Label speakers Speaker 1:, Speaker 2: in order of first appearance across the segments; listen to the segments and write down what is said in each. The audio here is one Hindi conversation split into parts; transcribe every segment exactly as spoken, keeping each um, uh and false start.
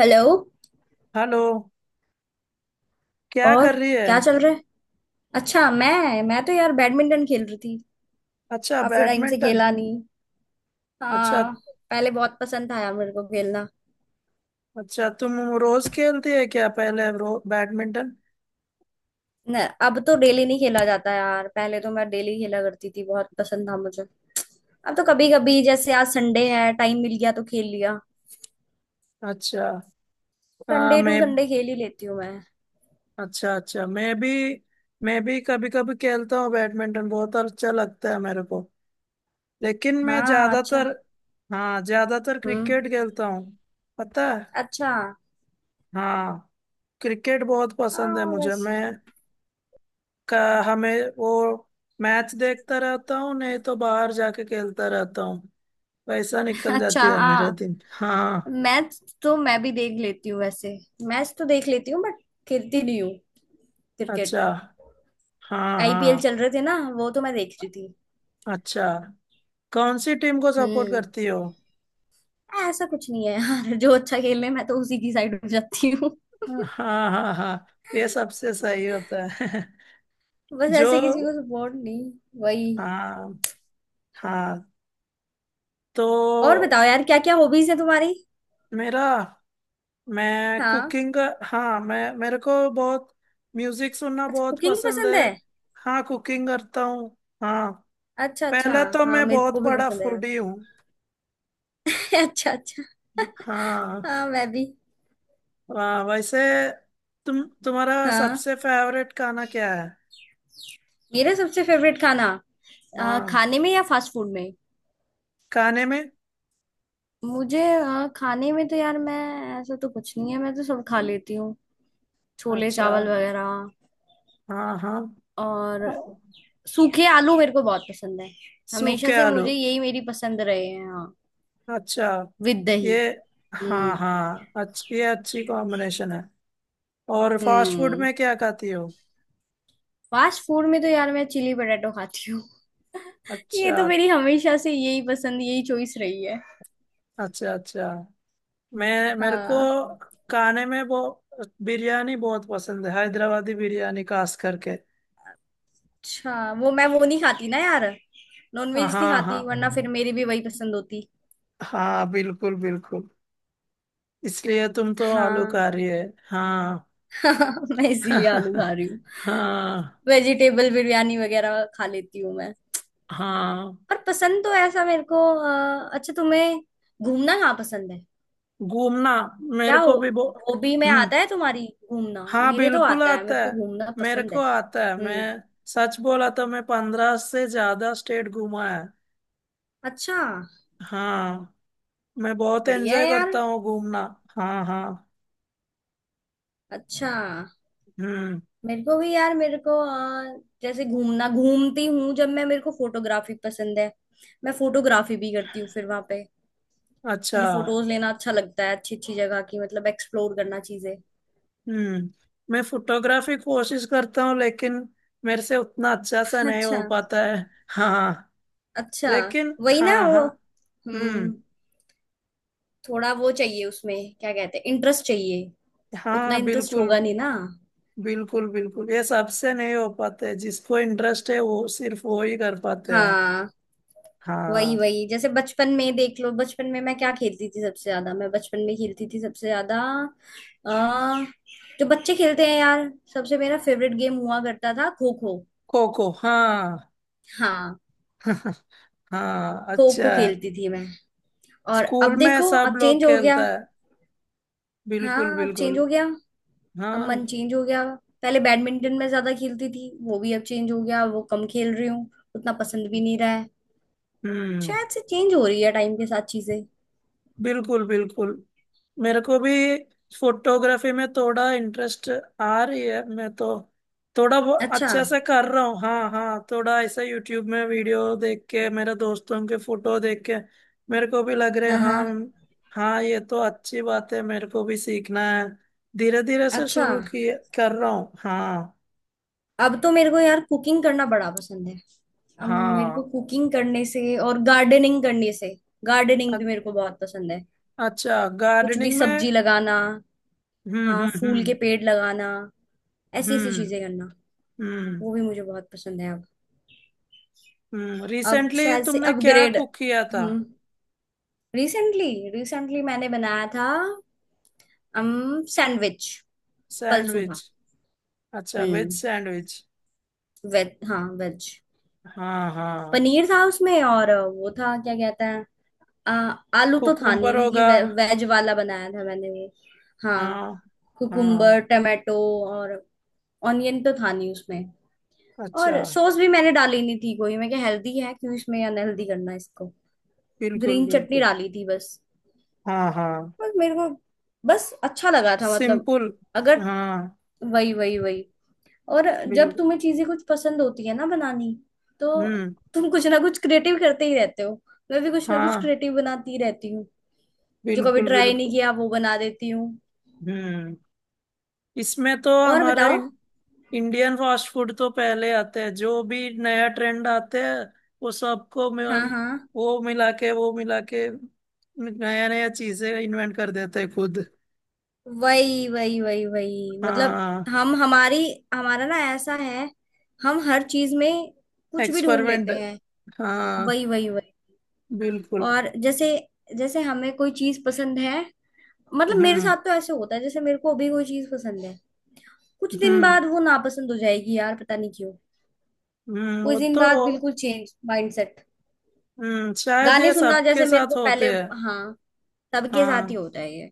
Speaker 1: हेलो।
Speaker 2: हेलो। क्या
Speaker 1: और
Speaker 2: कर रही है।
Speaker 1: क्या चल रहा है। अच्छा, मैं मैं तो यार बैडमिंटन खेल रही थी।
Speaker 2: अच्छा,
Speaker 1: काफी टाइम से
Speaker 2: बैडमिंटन।
Speaker 1: खेला नहीं।
Speaker 2: अच्छा
Speaker 1: हाँ, पहले बहुत पसंद था यार मेरे को खेलना।
Speaker 2: अच्छा, तुम रोज खेलती है क्या पहले रो बैडमिंटन?
Speaker 1: न, अब तो डेली नहीं खेला जाता यार, पहले तो मैं डेली खेला करती थी, बहुत पसंद था मुझे। अब तो कभी कभी जैसे आज संडे है, टाइम मिल गया तो खेल लिया।
Speaker 2: अच्छा। हाँ।
Speaker 1: संडे टू
Speaker 2: मैं...
Speaker 1: संडे खेल ही लेती हूँ मैं।
Speaker 2: अच्छा, अच्छा, मैं भी मैं भी कभी कभी खेलता हूँ बैडमिंटन, बहुत अच्छा लगता है मेरे को। लेकिन मैं
Speaker 1: हाँ। अच्छा।
Speaker 2: ज्यादातर, हाँ, ज्यादातर
Speaker 1: हम्म।
Speaker 2: क्रिकेट खेलता हूँ, पता है।
Speaker 1: अच्छा।
Speaker 2: हाँ, क्रिकेट बहुत पसंद है
Speaker 1: हाँ।
Speaker 2: मुझे।
Speaker 1: वैसे
Speaker 2: मैं का हमें वो मैच देखता रहता हूँ नहीं तो बाहर जाके खेलता रहता हूँ। पैसा निकल
Speaker 1: अच्छा,
Speaker 2: जाते हैं मेरा
Speaker 1: हाँ,
Speaker 2: दिन। हाँ,
Speaker 1: मैच तो मैं भी देख लेती हूँ वैसे। मैच तो देख लेती हूँ बट खेलती नहीं हूँ क्रिकेट।
Speaker 2: अच्छा। हाँ,
Speaker 1: आई पी एल
Speaker 2: हाँ।
Speaker 1: चल रहे थे ना, वो तो मैं देख रही थी।
Speaker 2: अच्छा, कौन सी टीम को सपोर्ट
Speaker 1: हम्म।
Speaker 2: करती हो?
Speaker 1: ऐसा कुछ नहीं है यार जो अच्छा खेल रहे हैं, मैं तो उसी की साइड हो जाती हूँ।
Speaker 2: हाँ, हाँ, हाँ। ये सबसे सही होता है
Speaker 1: बस
Speaker 2: जो
Speaker 1: ऐसे किसी को सपोर्ट नहीं। वही।
Speaker 2: हाँ, हाँ।
Speaker 1: और
Speaker 2: तो
Speaker 1: बताओ यार, क्या क्या हॉबीज है तुम्हारी।
Speaker 2: मेरा मैं
Speaker 1: हाँ।
Speaker 2: कुकिंग, हाँ। मैं मेरे को बहुत म्यूजिक सुनना
Speaker 1: अच्छा,
Speaker 2: बहुत
Speaker 1: कुकिंग
Speaker 2: पसंद
Speaker 1: पसंद
Speaker 2: है।
Speaker 1: है।
Speaker 2: हाँ, कुकिंग करता हूँ। हाँ,
Speaker 1: अच्छा अच्छा।
Speaker 2: पहले तो
Speaker 1: हाँ,
Speaker 2: मैं
Speaker 1: मेरे
Speaker 2: बहुत
Speaker 1: को भी
Speaker 2: बड़ा
Speaker 1: पसंद है यार।
Speaker 2: फूडी हूँ।
Speaker 1: अच्छा अच्छा।
Speaker 2: हाँ।
Speaker 1: हाँ, मैं भी।
Speaker 2: वाह, वैसे तुम तुम्हारा
Speaker 1: हाँ,
Speaker 2: सबसे फेवरेट खाना क्या है?
Speaker 1: मेरा सबसे फेवरेट खाना, अ,
Speaker 2: हाँ,
Speaker 1: खाने में या फास्ट फूड में।
Speaker 2: खाने में।
Speaker 1: मुझे अ, खाने में तो यार मैं, ऐसा तो कुछ नहीं है, मैं तो सब खा लेती। छोले
Speaker 2: अच्छा,
Speaker 1: चावल वगैरह।
Speaker 2: हाँ, हाँ,
Speaker 1: और सूखे आलू मेरे को बहुत पसंद है। हमेशा
Speaker 2: सूखे
Speaker 1: से
Speaker 2: आलू।
Speaker 1: मुझे यही मेरी पसंद रहे हैं। हाँ,
Speaker 2: अच्छा,
Speaker 1: विद दही।
Speaker 2: ये,
Speaker 1: हम्म।
Speaker 2: हाँ, हाँ, अच्छा, ये अच्छी कॉम्बिनेशन है। और फास्ट फूड
Speaker 1: हम्म,
Speaker 2: में क्या खाती हो?
Speaker 1: फास्ट फूड में तो यार मैं चिली पटेटो खाती हूँ। ये
Speaker 2: अच्छा,
Speaker 1: तो मेरी हमेशा से यही पसंद, यही चॉइस रही है।
Speaker 2: अच्छा। अच्छा मैं मेरे को
Speaker 1: हाँ।
Speaker 2: खाने में वो बिरयानी बहुत पसंद है, हैदराबादी बिरयानी खास करके।
Speaker 1: अच्छा, वो मैं वो नहीं खाती ना यार,
Speaker 2: हाँ,
Speaker 1: नॉनवेज नहीं
Speaker 2: हाँ,
Speaker 1: खाती, वरना फिर मेरी भी वही पसंद होती।
Speaker 2: हाँ, बिल्कुल, बिल्कुल। इसलिए तुम तो
Speaker 1: हाँ।
Speaker 2: आलूकारी है। हाँ।
Speaker 1: मैं इसीलिए आलू खा रही हूँ।
Speaker 2: हाँ,
Speaker 1: वेजिटेबल बिरयानी वगैरह खा लेती हूँ मैं।
Speaker 2: हाँ।
Speaker 1: पर पसंद तो ऐसा मेरे को अ, अच्छा, तुम्हें घूमना कहाँ पसंद है।
Speaker 2: घूमना?
Speaker 1: क्या
Speaker 2: मेरे को
Speaker 1: हो,
Speaker 2: भी बो
Speaker 1: हॉबी में
Speaker 2: हम्म।
Speaker 1: आता है तुम्हारी घूमना।
Speaker 2: हाँ,
Speaker 1: मेरे तो
Speaker 2: बिल्कुल
Speaker 1: आता है,
Speaker 2: आता
Speaker 1: मेरे को
Speaker 2: है,
Speaker 1: घूमना
Speaker 2: मेरे
Speaker 1: पसंद
Speaker 2: को
Speaker 1: है।
Speaker 2: आता है।
Speaker 1: हम्म।
Speaker 2: मैं सच बोला तो मैं पंद्रह से ज्यादा स्टेट घूमा है।
Speaker 1: अच्छा,
Speaker 2: हाँ, मैं बहुत
Speaker 1: बढ़िया
Speaker 2: एंजॉय
Speaker 1: है यार।
Speaker 2: करता हूँ घूमना। हाँ, हाँ।
Speaker 1: अच्छा,
Speaker 2: हम्म,
Speaker 1: मेरे को भी यार, मेरे को अ, जैसे घूमना घूमती हूँ जब मैं, मेरे को फोटोग्राफी पसंद है। मैं फोटोग्राफी भी करती हूँ फिर वहां पे।
Speaker 2: अच्छा।
Speaker 1: मुझे फोटोज लेना अच्छा लगता है, अच्छी अच्छी जगह की, मतलब एक्सप्लोर करना चीजें।
Speaker 2: हम्म, मैं फोटोग्राफी कोशिश करता हूँ लेकिन मेरे से उतना अच्छा सा नहीं हो
Speaker 1: अच्छा
Speaker 2: पाता है। हाँ,
Speaker 1: अच्छा।
Speaker 2: लेकिन,
Speaker 1: वही ना
Speaker 2: हाँ,
Speaker 1: वो।
Speaker 2: हाँ।
Speaker 1: हम्म,
Speaker 2: हम्म।
Speaker 1: थोड़ा वो चाहिए उसमें, क्या कहते हैं, इंटरेस्ट चाहिए। उतना
Speaker 2: हाँ,
Speaker 1: इंटरेस्ट
Speaker 2: बिल्कुल।
Speaker 1: होगा नहीं ना।
Speaker 2: बिल्कुल, बिल्कुल, ये सबसे नहीं हो पाते हैं। जिसको इंटरेस्ट है वो सिर्फ वो ही कर पाते हैं।
Speaker 1: हाँ, वही
Speaker 2: हाँ,
Speaker 1: वही, जैसे बचपन में देख लो, बचपन में मैं क्या खेलती थी सबसे ज्यादा, मैं बचपन में खेलती थी सबसे ज्यादा। आ, जो बच्चे खेलते हैं यार, सबसे मेरा फेवरेट गेम हुआ करता था, खो खो।
Speaker 2: खो खो, हाँ।
Speaker 1: हाँ,
Speaker 2: हाँ,
Speaker 1: खो
Speaker 2: अच्छा
Speaker 1: खो
Speaker 2: है।
Speaker 1: खेलती थी मैं। और
Speaker 2: स्कूल
Speaker 1: अब
Speaker 2: में
Speaker 1: देखो,
Speaker 2: सब
Speaker 1: अब
Speaker 2: लोग
Speaker 1: चेंज हो गया।
Speaker 2: खेलता है, बिल्कुल,
Speaker 1: हाँ, अब
Speaker 2: बिल्कुल।
Speaker 1: चेंज हो गया।
Speaker 2: हाँ।
Speaker 1: अब मन चेंज हो गया। पहले बैडमिंटन में ज्यादा खेलती थी, वो भी अब चेंज हो गया, वो कम खेल रही हूँ। उतना पसंद भी नहीं रहा है।
Speaker 2: हम्म।
Speaker 1: शायद से चेंज हो रही है टाइम के साथ चीजें।
Speaker 2: बिल्कुल, बिल्कुल। मेरे को भी फोटोग्राफी में थोड़ा इंटरेस्ट आ रही है। मैं तो थोड़ा बहुत
Speaker 1: अच्छा।
Speaker 2: अच्छा से कर रहा हूँ, हाँ, हाँ। थोड़ा ऐसा यूट्यूब में वीडियो देख के, मेरे दोस्तों के फोटो देख के मेरे को भी लग रहे,
Speaker 1: हाँ हाँ।
Speaker 2: हाँ। हाँ, ये तो अच्छी बात है, मेरे को भी सीखना है। धीरे धीरे से
Speaker 1: अच्छा।
Speaker 2: शुरू किए कर रहा हूँ, हाँ।
Speaker 1: अब तो मेरे को यार कुकिंग करना बड़ा पसंद है। अब मेरे को
Speaker 2: हाँ।
Speaker 1: कुकिंग करने से और गार्डनिंग करने से, गार्डनिंग
Speaker 2: अ-
Speaker 1: भी मेरे को बहुत पसंद है।
Speaker 2: अच्छा,
Speaker 1: कुछ भी
Speaker 2: गार्डनिंग में।
Speaker 1: सब्जी लगाना,
Speaker 2: हम्म,
Speaker 1: हाँ,
Speaker 2: हम्म,
Speaker 1: फूल के
Speaker 2: हम्म।
Speaker 1: पेड़ लगाना, ऐसी ऐसी
Speaker 2: हम्म,
Speaker 1: चीजें करना,
Speaker 2: हम्म,
Speaker 1: वो भी मुझे बहुत पसंद है अब।
Speaker 2: हम्म।
Speaker 1: अब
Speaker 2: रिसेंटली
Speaker 1: शायद से
Speaker 2: तुमने क्या
Speaker 1: अपग्रेड।
Speaker 2: कुक किया था?
Speaker 1: हम्म, रिसेंटली, रिसेंटली मैंने बनाया था, अम सैंडविच। कल सुबह।
Speaker 2: सैंडविच? अच्छा, वेज
Speaker 1: हम्म,
Speaker 2: सैंडविच।
Speaker 1: वेज, हाँ वेज।
Speaker 2: हाँ, हाँ।
Speaker 1: पनीर था उसमें और वो था, क्या कहते हैं, आ, आलू तो था
Speaker 2: कुकुम्बर
Speaker 1: नहीं क्योंकि
Speaker 2: होगा।
Speaker 1: वे, वेज वाला बनाया था मैंने वो। हाँ,
Speaker 2: हाँ, हाँ।
Speaker 1: कुकुम्बर, टमाटो, और ऑनियन तो था नहीं उसमें।
Speaker 2: अच्छा,
Speaker 1: और सॉस भी मैंने डाली नहीं थी कोई, मैं क्या, हेल्दी है, क्यों इसमें अनहेल्दी करना है इसको।
Speaker 2: बिल्कुल,
Speaker 1: ग्रीन चटनी
Speaker 2: बिल्कुल।
Speaker 1: डाली थी बस।
Speaker 2: हाँ, हाँ,
Speaker 1: बस मेरे को, बस अच्छा लगा था मतलब।
Speaker 2: सिंपल।
Speaker 1: अगर,
Speaker 2: हाँ,
Speaker 1: वही वही वही। और जब
Speaker 2: बिल्कुल।
Speaker 1: तुम्हें चीजें कुछ पसंद होती है ना बनानी, तो
Speaker 2: हम्म।
Speaker 1: तुम कुछ ना कुछ क्रिएटिव करते ही रहते हो। मैं भी कुछ ना कुछ
Speaker 2: हाँ,
Speaker 1: क्रिएटिव बनाती ही रहती हूँ। जो कभी
Speaker 2: बिल्कुल,
Speaker 1: ट्राई नहीं
Speaker 2: बिल्कुल।
Speaker 1: किया वो बना देती हूँ।
Speaker 2: हम्म। इसमें तो
Speaker 1: और
Speaker 2: हमारा
Speaker 1: बताओ।
Speaker 2: इन, इंडियन फास्ट फूड तो पहले आते हैं, जो भी नया ट्रेंड आते हैं वो सबको
Speaker 1: हाँ
Speaker 2: मिल-
Speaker 1: हाँ।
Speaker 2: वो मिला के वो मिला के नया नया चीजें इन्वेंट कर देते हैं खुद।
Speaker 1: वही वही वही वही, मतलब,
Speaker 2: हाँ,
Speaker 1: हम हमारी, हमारा ना ऐसा है, हम हर चीज में कुछ भी ढूंढ
Speaker 2: एक्सपेरिमेंट।
Speaker 1: लेते हैं।
Speaker 2: हाँ,
Speaker 1: वही वही वही।
Speaker 2: बिल्कुल।
Speaker 1: और जैसे, जैसे हमें कोई चीज पसंद है, मतलब मेरे
Speaker 2: हम्म,
Speaker 1: साथ तो ऐसे होता है, जैसे मेरे को अभी कोई चीज पसंद है, कुछ दिन
Speaker 2: हम्म,
Speaker 1: बाद वो नापसंद हो जाएगी यार, पता नहीं क्यों।
Speaker 2: हम्म।
Speaker 1: कुछ
Speaker 2: वो
Speaker 1: दिन
Speaker 2: तो,
Speaker 1: बाद बिल्कुल चेंज माइंडसेट।
Speaker 2: हम्म, शायद ये
Speaker 1: गाने सुनना
Speaker 2: सबके
Speaker 1: जैसे मेरे
Speaker 2: साथ
Speaker 1: को पहले,
Speaker 2: होते हैं।
Speaker 1: हाँ, सबके साथ ही
Speaker 2: हाँ,
Speaker 1: होता है ये।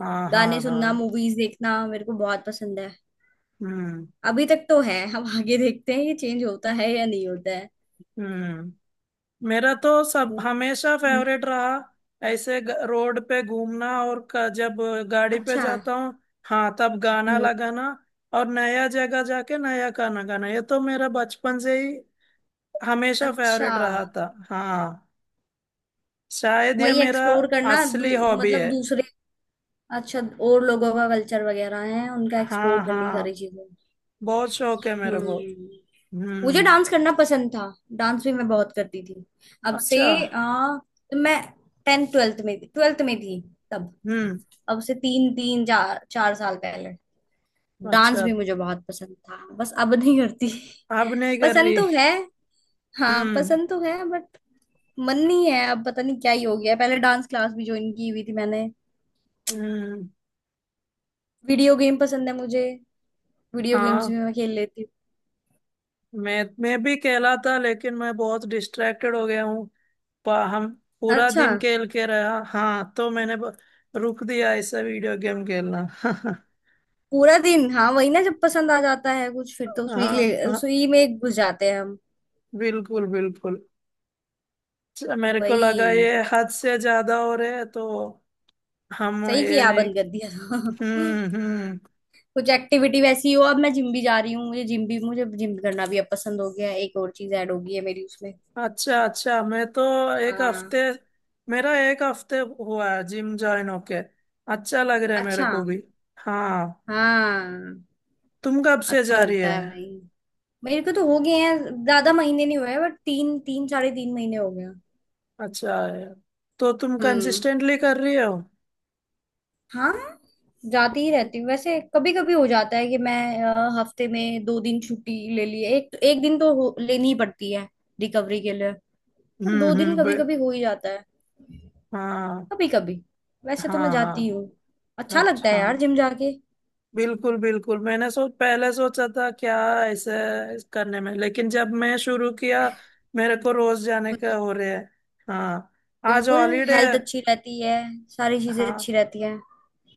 Speaker 2: हाँ,
Speaker 1: गाने
Speaker 2: हाँ,
Speaker 1: सुनना,
Speaker 2: हाँ।
Speaker 1: मूवीज देखना मेरे को बहुत पसंद है।
Speaker 2: हम्म,
Speaker 1: अभी तक तो है, हम आगे देखते हैं ये चेंज होता है या नहीं होता है।
Speaker 2: हम्म। मेरा तो सब
Speaker 1: मूवी।
Speaker 2: हमेशा
Speaker 1: हम्म।
Speaker 2: फेवरेट रहा। ऐसे ग- रोड पे घूमना और क, जब गाड़ी पे
Speaker 1: अच्छा।
Speaker 2: जाता हूँ, हाँ, तब गाना
Speaker 1: हम्म।
Speaker 2: लगाना। और नया जगह जाके नया गाना गाना, ये तो मेरा बचपन से ही हमेशा
Speaker 1: अच्छा,
Speaker 2: फेवरेट रहा था, हाँ। शायद ये
Speaker 1: वही
Speaker 2: मेरा
Speaker 1: एक्सप्लोर करना दू,
Speaker 2: असली हॉबी
Speaker 1: मतलब
Speaker 2: है।
Speaker 1: दूसरे, अच्छा, और लोगों का कल्चर वगैरह है, उनका एक्सप्लोर
Speaker 2: हाँ,
Speaker 1: करनी सारी
Speaker 2: हाँ,
Speaker 1: चीजें।
Speaker 2: बहुत शौक है मेरे को।
Speaker 1: हम्म। मुझे
Speaker 2: हम्म।
Speaker 1: डांस करना पसंद था, डांस भी मैं बहुत करती थी। अब से,
Speaker 2: अच्छा।
Speaker 1: आ, तो मैं टेंथ ट्वेल्थ में, ट्वेल्थ में थी तब,
Speaker 2: हम्म।
Speaker 1: अब से तीन तीन चार चार साल पहले। डांस
Speaker 2: अच्छा,
Speaker 1: भी मुझे बहुत पसंद था, बस अब नहीं करती।
Speaker 2: अब नहीं कर
Speaker 1: पसंद
Speaker 2: रही?
Speaker 1: तो है, हाँ
Speaker 2: हम्म,
Speaker 1: पसंद तो है बट मन नहीं है अब, पता नहीं क्या ही हो गया है। पहले डांस क्लास भी ज्वाइन की हुई थी मैंने।
Speaker 2: हम्म।
Speaker 1: वीडियो गेम पसंद है मुझे, वीडियो गेम्स भी
Speaker 2: हाँ,
Speaker 1: मैं खेल लेती
Speaker 2: मैं मैं भी खेला था, लेकिन मैं बहुत डिस्ट्रैक्टेड हो गया हूँ। पा- हम
Speaker 1: हूँ।
Speaker 2: पूरा
Speaker 1: अच्छा।
Speaker 2: दिन खेल के रहा, हाँ, तो मैंने ब- रुक दिया ऐसा वीडियो गेम खेलना। हाँ,
Speaker 1: पूरा दिन, हाँ वही ना, जब पसंद आ जाता है कुछ फिर तो उसमें ले
Speaker 2: हाँ,
Speaker 1: उसी में घुस जाते हैं हम।
Speaker 2: बिल्कुल, बिल्कुल। अच्छा, मेरे को लगा
Speaker 1: वही,
Speaker 2: ये हद से ज्यादा हो रहे है तो हम
Speaker 1: सही
Speaker 2: ये
Speaker 1: किया
Speaker 2: नहीं।
Speaker 1: बंद कर दिया था।
Speaker 2: हम्म, हम्म।
Speaker 1: कुछ एक्टिविटी वैसी हो, अब मैं जिम भी जा रही हूँ, मुझे जिम भी, मुझे जिम करना भी अब पसंद हो गया है। एक और चीज ऐड हो गई है मेरी उसमें।
Speaker 2: अच्छा, अच्छा। मैं तो एक
Speaker 1: हाँ।
Speaker 2: हफ्ते मेरा एक हफ्ते हुआ है जिम ज्वाइन होके। अच्छा लग रहा है मेरे
Speaker 1: अच्छा।
Speaker 2: को भी। हाँ।
Speaker 1: हाँ,
Speaker 2: तुम कब से
Speaker 1: अच्छा
Speaker 2: जा रही
Speaker 1: लगता
Speaker 2: है?
Speaker 1: है भाई। मेरे को तो हो गए हैं, ज्यादा महीने नहीं हुए बट तीन तीन, साढ़े तीन महीने हो गया।
Speaker 2: अच्छा है। तो तुम
Speaker 1: हम्म।
Speaker 2: कंसिस्टेंटली कर रही हो?
Speaker 1: हाँ, जाती ही रहती हूँ वैसे। कभी कभी हो जाता है कि मैं, अ, हफ्ते में दो दिन छुट्टी ले ली, एक एक दिन तो हो, लेनी ही पड़ती है रिकवरी के लिए। पर
Speaker 2: हम्म,
Speaker 1: दो दिन
Speaker 2: हम्म।
Speaker 1: कभी
Speaker 2: बे-
Speaker 1: कभी हो ही जाता है।
Speaker 2: हाँ,
Speaker 1: कभी कभी, वैसे तो मैं
Speaker 2: हाँ,
Speaker 1: जाती हूँ।
Speaker 2: हाँ।
Speaker 1: अच्छा लगता है
Speaker 2: अच्छा,
Speaker 1: यार जिम जाके।
Speaker 2: बिल्कुल, बिल्कुल। मैंने सोच पहले सोचा था क्या ऐसे करने में, लेकिन जब मैं शुरू किया मेरे को रोज जाने का हो रहा है। हाँ, आज
Speaker 1: बिल्कुल,
Speaker 2: हॉलीडे है।
Speaker 1: हेल्थ अच्छी रहती है, सारी चीजें
Speaker 2: हाँ,
Speaker 1: अच्छी रहती है।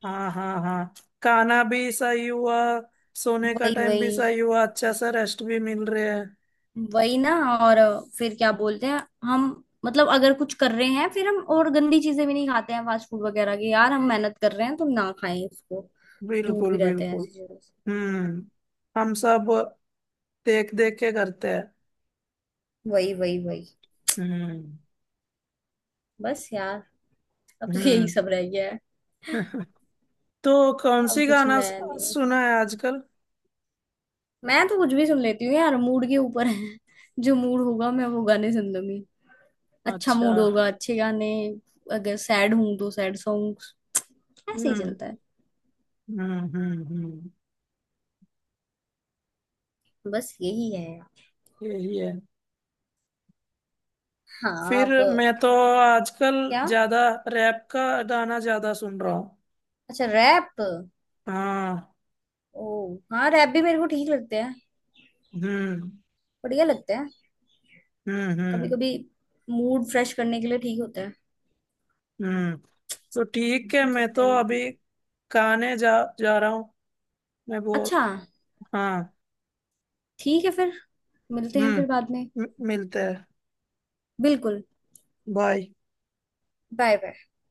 Speaker 2: हाँ, हाँ, हाँ। खाना भी सही हुआ, सोने का
Speaker 1: वही
Speaker 2: टाइम भी
Speaker 1: वही।
Speaker 2: सही हुआ, अच्छा सा रेस्ट भी मिल रहा है।
Speaker 1: वही ना। और फिर क्या बोलते हैं, हम, मतलब अगर कुछ कर रहे हैं, फिर हम और गंदी चीजें भी नहीं खाते हैं फास्ट फूड वगैरह की, यार हम मेहनत कर रहे हैं तो ना खाएं उसको। दूर
Speaker 2: बिल्कुल,
Speaker 1: भी रहते हैं
Speaker 2: बिल्कुल।
Speaker 1: ऐसी चीजों से।
Speaker 2: हम्म। हम सब देख देख के करते हैं।
Speaker 1: वही वही वही।
Speaker 2: हम्म,
Speaker 1: बस यार, अब तो यही
Speaker 2: हम्म।
Speaker 1: सब रह गया है।
Speaker 2: तो कौन
Speaker 1: अब
Speaker 2: सी
Speaker 1: कुछ
Speaker 2: गाना स-
Speaker 1: नया नहीं है।
Speaker 2: सुना है आजकल?
Speaker 1: मैं तो कुछ भी सुन लेती हूँ यार, मूड के ऊपर है। जो मूड होगा मैं वो गाने सुन लूंगी, अच्छा
Speaker 2: अच्छा।
Speaker 1: मूड होगा अच्छे गाने, अगर सैड हूं तो सैड सॉन्ग्स, ऐसे ही
Speaker 2: हम्म,
Speaker 1: चलता है।
Speaker 2: हम्म, हम्म, हम्म।
Speaker 1: बस यही है।
Speaker 2: यही है।
Speaker 1: हाँ।
Speaker 2: फिर
Speaker 1: अब
Speaker 2: मैं तो आजकल
Speaker 1: क्या।
Speaker 2: ज्यादा रैप का गाना ज्यादा सुन रहा हूँ।
Speaker 1: अच्छा रैप।
Speaker 2: हाँ।
Speaker 1: ओ, हाँ रैप भी मेरे को ठीक लगते हैं,
Speaker 2: हम्म,
Speaker 1: बढ़िया लगते हैं।
Speaker 2: हम्म,
Speaker 1: कभी
Speaker 2: हम्म,
Speaker 1: कभी मूड फ्रेश करने के लिए ठीक होता है,
Speaker 2: हम्म। तो ठीक है,
Speaker 1: सुन
Speaker 2: मैं
Speaker 1: सकते हैं
Speaker 2: तो
Speaker 1: हम।
Speaker 2: अभी खाने जा जा रहा हूँ मैं वो।
Speaker 1: अच्छा,
Speaker 2: हाँ।
Speaker 1: ठीक है फिर, मिलते हैं
Speaker 2: हम्म।
Speaker 1: फिर बाद में।
Speaker 2: मि- मिलते हैं।
Speaker 1: बिल्कुल।
Speaker 2: बाय।
Speaker 1: Bye bye.